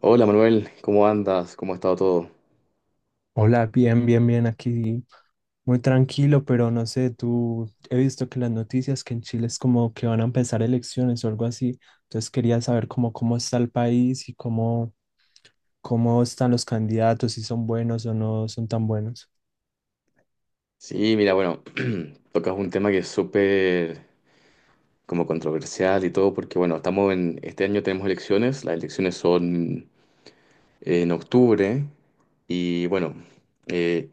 Hola Manuel, ¿cómo andas? ¿Cómo ha estado todo? Hola, bien, bien, bien, aquí muy tranquilo, pero no sé, tú he visto que las noticias que en Chile es como que van a empezar elecciones o algo así, entonces quería saber cómo, cómo está el país y cómo, cómo están los candidatos, si son buenos o no son tan buenos. Sí, mira, bueno, tocas un tema que es súper como controversial y todo, porque bueno, estamos en, este año tenemos elecciones, las elecciones son en octubre y bueno, eh,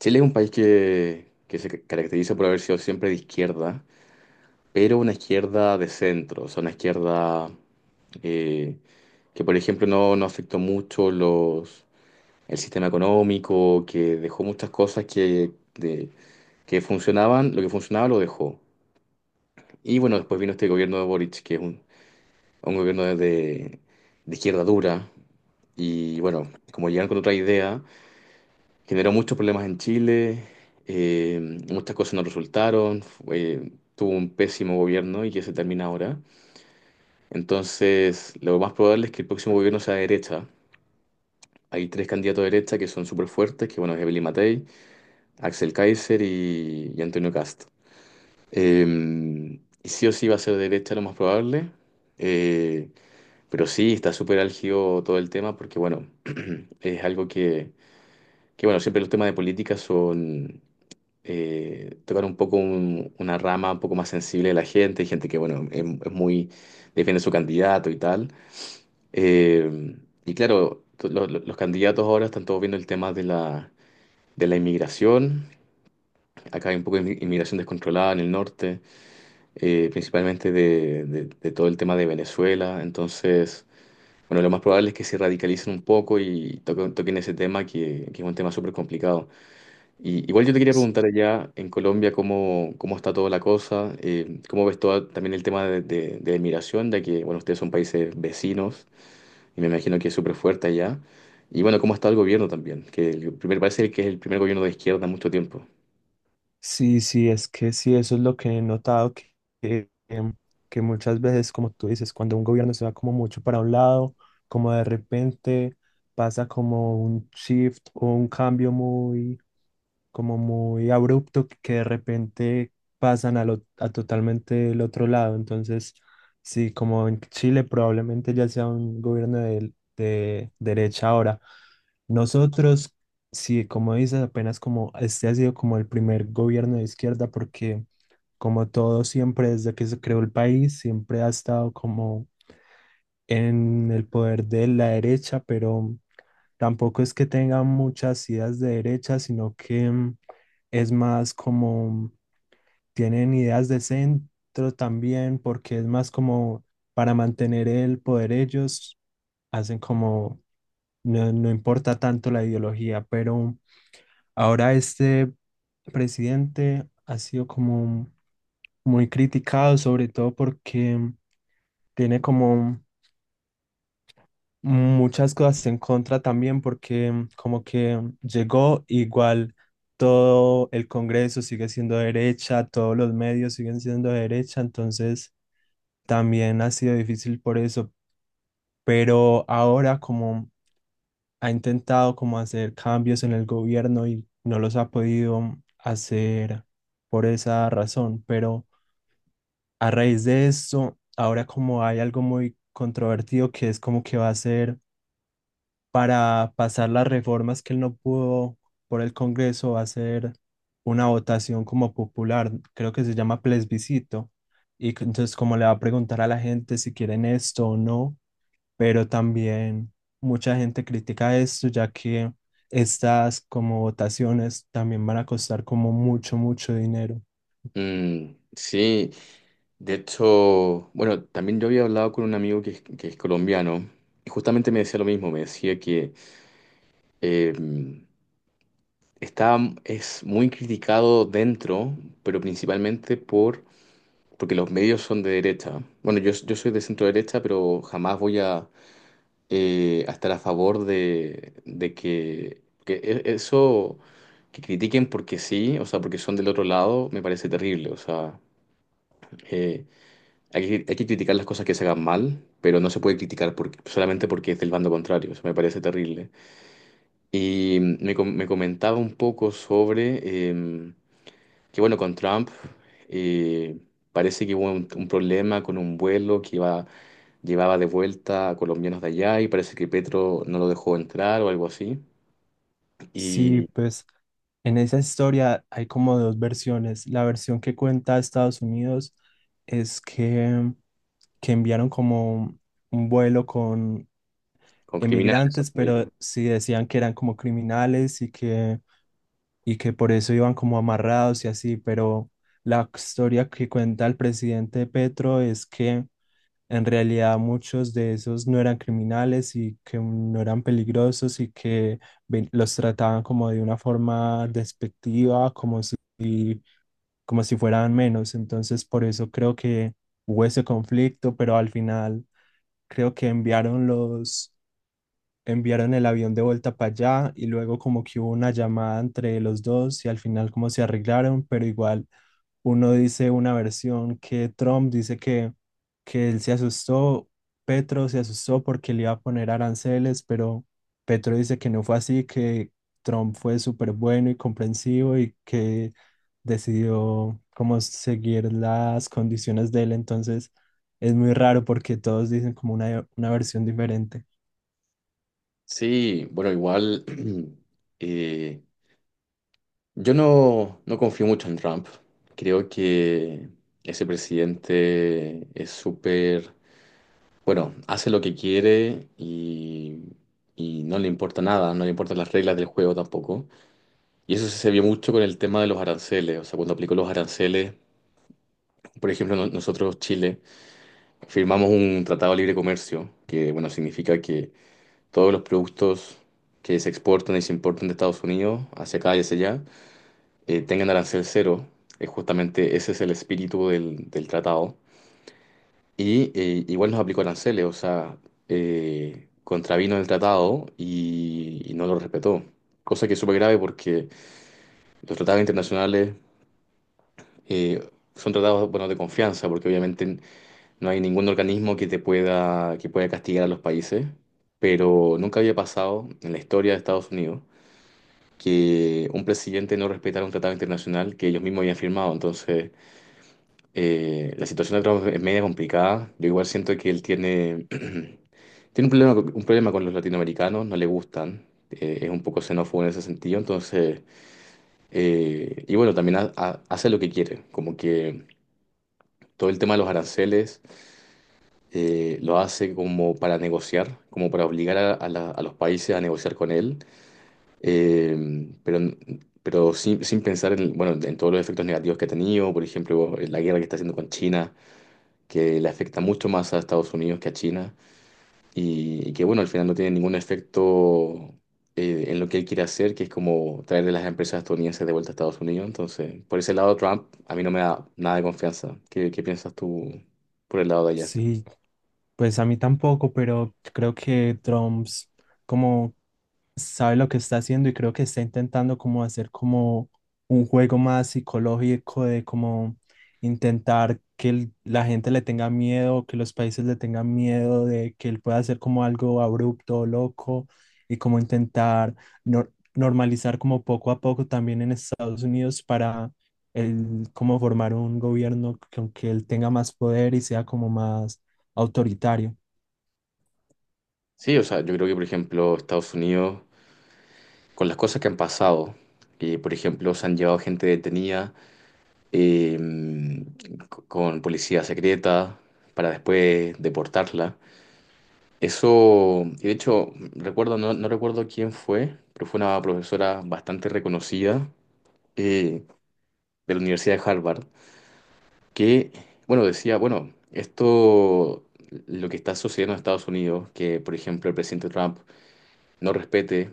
Chile es un país que se caracteriza por haber sido siempre de izquierda, pero una izquierda de centro, o sea, una izquierda eh, que por ejemplo no, no afectó mucho el sistema económico, que dejó muchas cosas que funcionaban, lo que funcionaba lo dejó. Y bueno, después vino este gobierno de Boric, que es un gobierno de izquierda dura, y bueno, como llegaron con otra idea, generó muchos problemas en Chile, eh, muchas cosas no resultaron, tuvo un pésimo gobierno y que se termina ahora. Entonces, lo más probable es que el próximo gobierno sea de derecha. Hay tres candidatos de derecha que son súper fuertes, que bueno, es Evelyn Matei, Axel Kaiser y Antonio Cast. Eh, y sí o sí va a ser derecha lo más probable, eh, pero sí está súper álgido todo el tema porque, bueno, es algo que, bueno, siempre los temas de política son tocar un poco una rama un poco más sensible de la gente, gente que, bueno, es muy, defiende su candidato y tal. Eh, y claro, los candidatos ahora están todos viendo el tema de de la inmigración. Acá hay un poco de inmigración descontrolada en el norte. Eh, principalmente de todo el tema de Venezuela. Entonces, bueno, lo más probable es que se radicalicen un poco y toquen ese tema que es un tema súper complicado. Y, igual yo te quería S- preguntar allá en Colombia cómo está toda la cosa, cómo ves todo también el tema de migración, ya que, bueno, ustedes son países vecinos y me imagino que es súper fuerte allá. Y bueno, cómo está el gobierno también, que el primer, parece que es el primer gobierno de izquierda en mucho tiempo. Sí, sí, es que sí, eso es lo que he notado, que, em, que muchas veces, como tú dices, cuando un gobierno se va como mucho para un lado, como de repente pasa como un shift o un cambio muy como muy abrupto que de repente pasan a, a totalmente el otro lado. Entonces, sí, como en Chile probablemente ya sea un gobierno de derecha ahora. Nosotros, sí, como dices, apenas como este ha sido como el primer gobierno de izquierda porque como todo siempre desde que se creó el país, siempre ha estado como en el poder de la derecha, pero tampoco es que tenga muchas ideas de derecha, sino que... es más como, tienen ideas de centro también, porque es más como para mantener el poder ellos, hacen como, no, no importa tanto la ideología, pero ahora este presidente ha sido como muy criticado, sobre todo porque tiene como muchas cosas en contra también porque como que llegó igual todo el Congreso sigue siendo de derecha, todos los medios siguen siendo de derecha, entonces también ha sido difícil por eso, pero ahora como ha intentado como hacer cambios en el gobierno y no los ha podido hacer por esa razón, pero a raíz de eso, ahora como hay algo muy controvertido que es como que va a ser para pasar las reformas que él no pudo por el Congreso hacer una votación como popular, creo que se llama plebiscito, y que entonces como le va a preguntar a la gente si quieren esto o no, pero también mucha gente critica esto ya que estas como votaciones también van a costar como mucho, mucho dinero. Mm, sí. De hecho, bueno, también yo había hablado con un amigo que es colombiano y justamente me decía lo mismo, me decía que eh, está, es muy criticado dentro, pero principalmente porque los medios son de derecha. Bueno, yo soy de centro derecha, pero jamás voy a estar a favor de que eso, que critiquen porque sí, o sea, porque son del otro lado, me parece terrible, o sea... eh, hay que criticar las cosas que se hagan mal, pero no se puede criticar solamente porque es del bando contrario. Eso me parece terrible. Y me comentaba un poco sobre que, bueno, con Trump eh, parece que hubo un problema con un vuelo que iba, llevaba de vuelta a colombianos de allá y parece que Petro no lo dejó entrar o algo así. Sí, Y pues en esa historia hay como dos versiones. La versión que cuenta Estados Unidos es que enviaron como un vuelo con con criminales. emigrantes, Según ellos. pero sí decían que eran como criminales y que por eso iban como amarrados y así, pero la historia que cuenta el presidente Petro es que en realidad muchos de esos no eran criminales y que no eran peligrosos y que los trataban como de una forma despectiva, como si fueran menos. Entonces, por eso creo que hubo ese conflicto, pero al final creo que enviaron el avión de vuelta para allá y luego como que hubo una llamada entre los dos y al final como se arreglaron, pero igual uno dice una versión que Trump dice que él se asustó, Petro se asustó porque le iba a poner aranceles, pero Petro dice que no fue así, que Trump fue súper bueno y comprensivo y que decidió como seguir las condiciones de él, entonces... Es muy raro porque todos dicen como una versión diferente. Sí, bueno, igual. eh, Yo no, no confío mucho en Trump. Creo que ese presidente es súper, bueno, hace lo que quiere y no le importa nada, no le importan las reglas del juego tampoco. Y eso se vio mucho con el tema de los aranceles. O sea, cuando aplicó los aranceles, por ejemplo, nosotros, Chile, firmamos un tratado de libre comercio, que, bueno, significa que todos los productos que se exportan y se importan de Estados Unidos hacia acá y hacia allá, tengan arancel cero. Justamente ese es el espíritu del tratado. Y igual nos aplicó aranceles, o sea, contravino el tratado y no lo respetó. Cosa que es súper grave porque los tratados internacionales eh, son tratados, bueno, de confianza, porque obviamente no hay ningún organismo que te pueda, que pueda castigar a los países. Pero nunca había pasado en la historia de Estados Unidos que un presidente no respetara un tratado internacional que ellos mismos habían firmado. Entonces, la situación de Trump es media complicada. Yo igual siento que él tiene, tiene un problema, un problema con los latinoamericanos, no le gustan. Es un poco xenófobo en ese sentido. Entonces, y bueno, también hace lo que quiere. Como que todo el tema de los aranceles lo hace como para negociar, como para obligar a, a los países a negociar con él. Pero sin pensar en, bueno, en todos los efectos negativos que ha tenido, por ejemplo, en la guerra que está haciendo con China que le afecta mucho más a Estados Unidos que a China y que bueno, al final no tiene ningún efecto en lo que él quiere hacer, que es como traerle las empresas estadounidenses de vuelta a Estados Unidos. Entonces, por ese lado, Trump a mí no me da nada de confianza. Qué piensas tú por el lado de allá? Sí, pues a mí tampoco, pero creo que Drums como sabe lo que está haciendo y creo que está intentando como hacer como un juego más psicológico de como intentar que la gente le tenga miedo, que los países le tengan miedo de que él pueda hacer como algo abrupto, loco y como intentar normalizar como poco a poco también en Estados Unidos para él como formar un gobierno que, aunque él tenga más poder y sea como más autoritario. Sí, o sea, yo creo que por ejemplo Estados Unidos, con las cosas que han pasado, que por ejemplo se han llevado gente detenida eh, con policía secreta para después deportarla. Eso, y de hecho, recuerdo, no, no recuerdo quién fue, pero fue una profesora bastante reconocida eh, de la Universidad de Harvard, que, bueno, decía, bueno, esto, lo que está sucediendo en Estados Unidos, que, por ejemplo, el presidente Trump no respete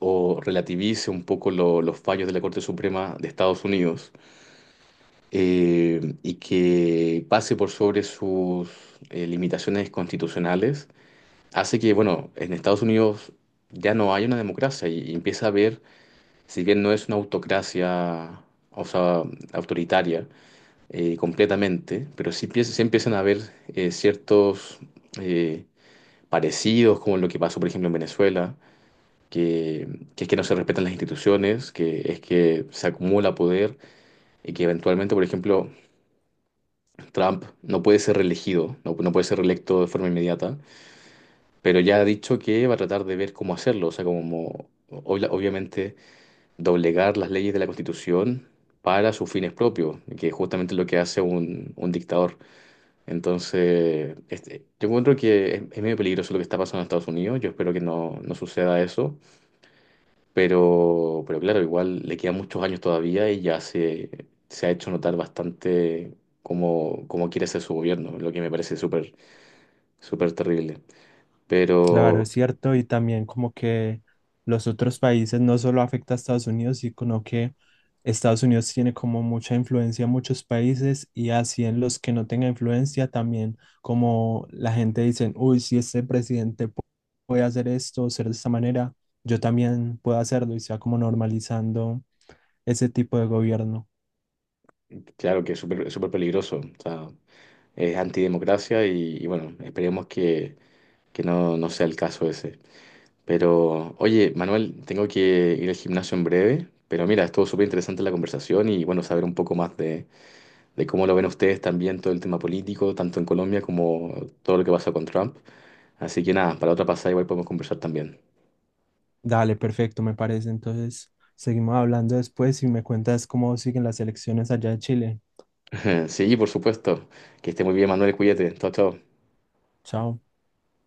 o relativice un poco los fallos de la Corte Suprema de Estados Unidos y que pase por sobre sus limitaciones constitucionales hace que, bueno, en Estados Unidos ya no hay una democracia y empieza a haber, si bien no es una autocracia, o sea, autoritaria completamente, pero sí, sí empiezan a haber ciertos eh, parecidos, como lo que pasó, por ejemplo, en Venezuela, que, que es que no se respetan las instituciones, que es que se acumula poder y que eventualmente, por ejemplo, Trump no puede ser reelegido, no puede ser reelecto de forma inmediata, pero ya ha dicho que va a tratar de ver cómo hacerlo, o sea, como obviamente doblegar las leyes de la Constitución para sus fines propios, que es justamente lo que hace un dictador. Entonces, este, yo encuentro que es medio peligroso lo que está pasando en Estados Unidos, yo espero que no, no suceda eso, pero claro, igual le quedan muchos años todavía y ya se ha hecho notar bastante cómo quiere ser su gobierno, lo que me parece súper, súper terrible. Claro, Pero es cierto, y también como que los otros países no solo afecta a Estados Unidos, sino que Estados Unidos tiene como mucha influencia en muchos países y así en los que no tenga influencia también como la gente dice, uy, si este presidente puede hacer esto, ser de esta manera, yo también puedo hacerlo y se va como normalizando ese tipo de gobierno. claro que es súper súper peligroso, o sea, es antidemocracia y bueno, esperemos que no, no sea el caso ese. Pero, oye, Manuel, tengo que ir al gimnasio en breve, pero mira, estuvo súper interesante la conversación y bueno, saber un poco más de cómo lo ven ustedes también todo el tema político, tanto en Colombia como todo lo que pasa con Trump. Así que nada, para otra pasada igual podemos conversar también. Dale, perfecto, me parece. Entonces, seguimos hablando después y me cuentas cómo siguen las elecciones allá de Chile. Sí, por supuesto. Que esté muy bien, Manuel, cuídate. Chao, chao. Chao.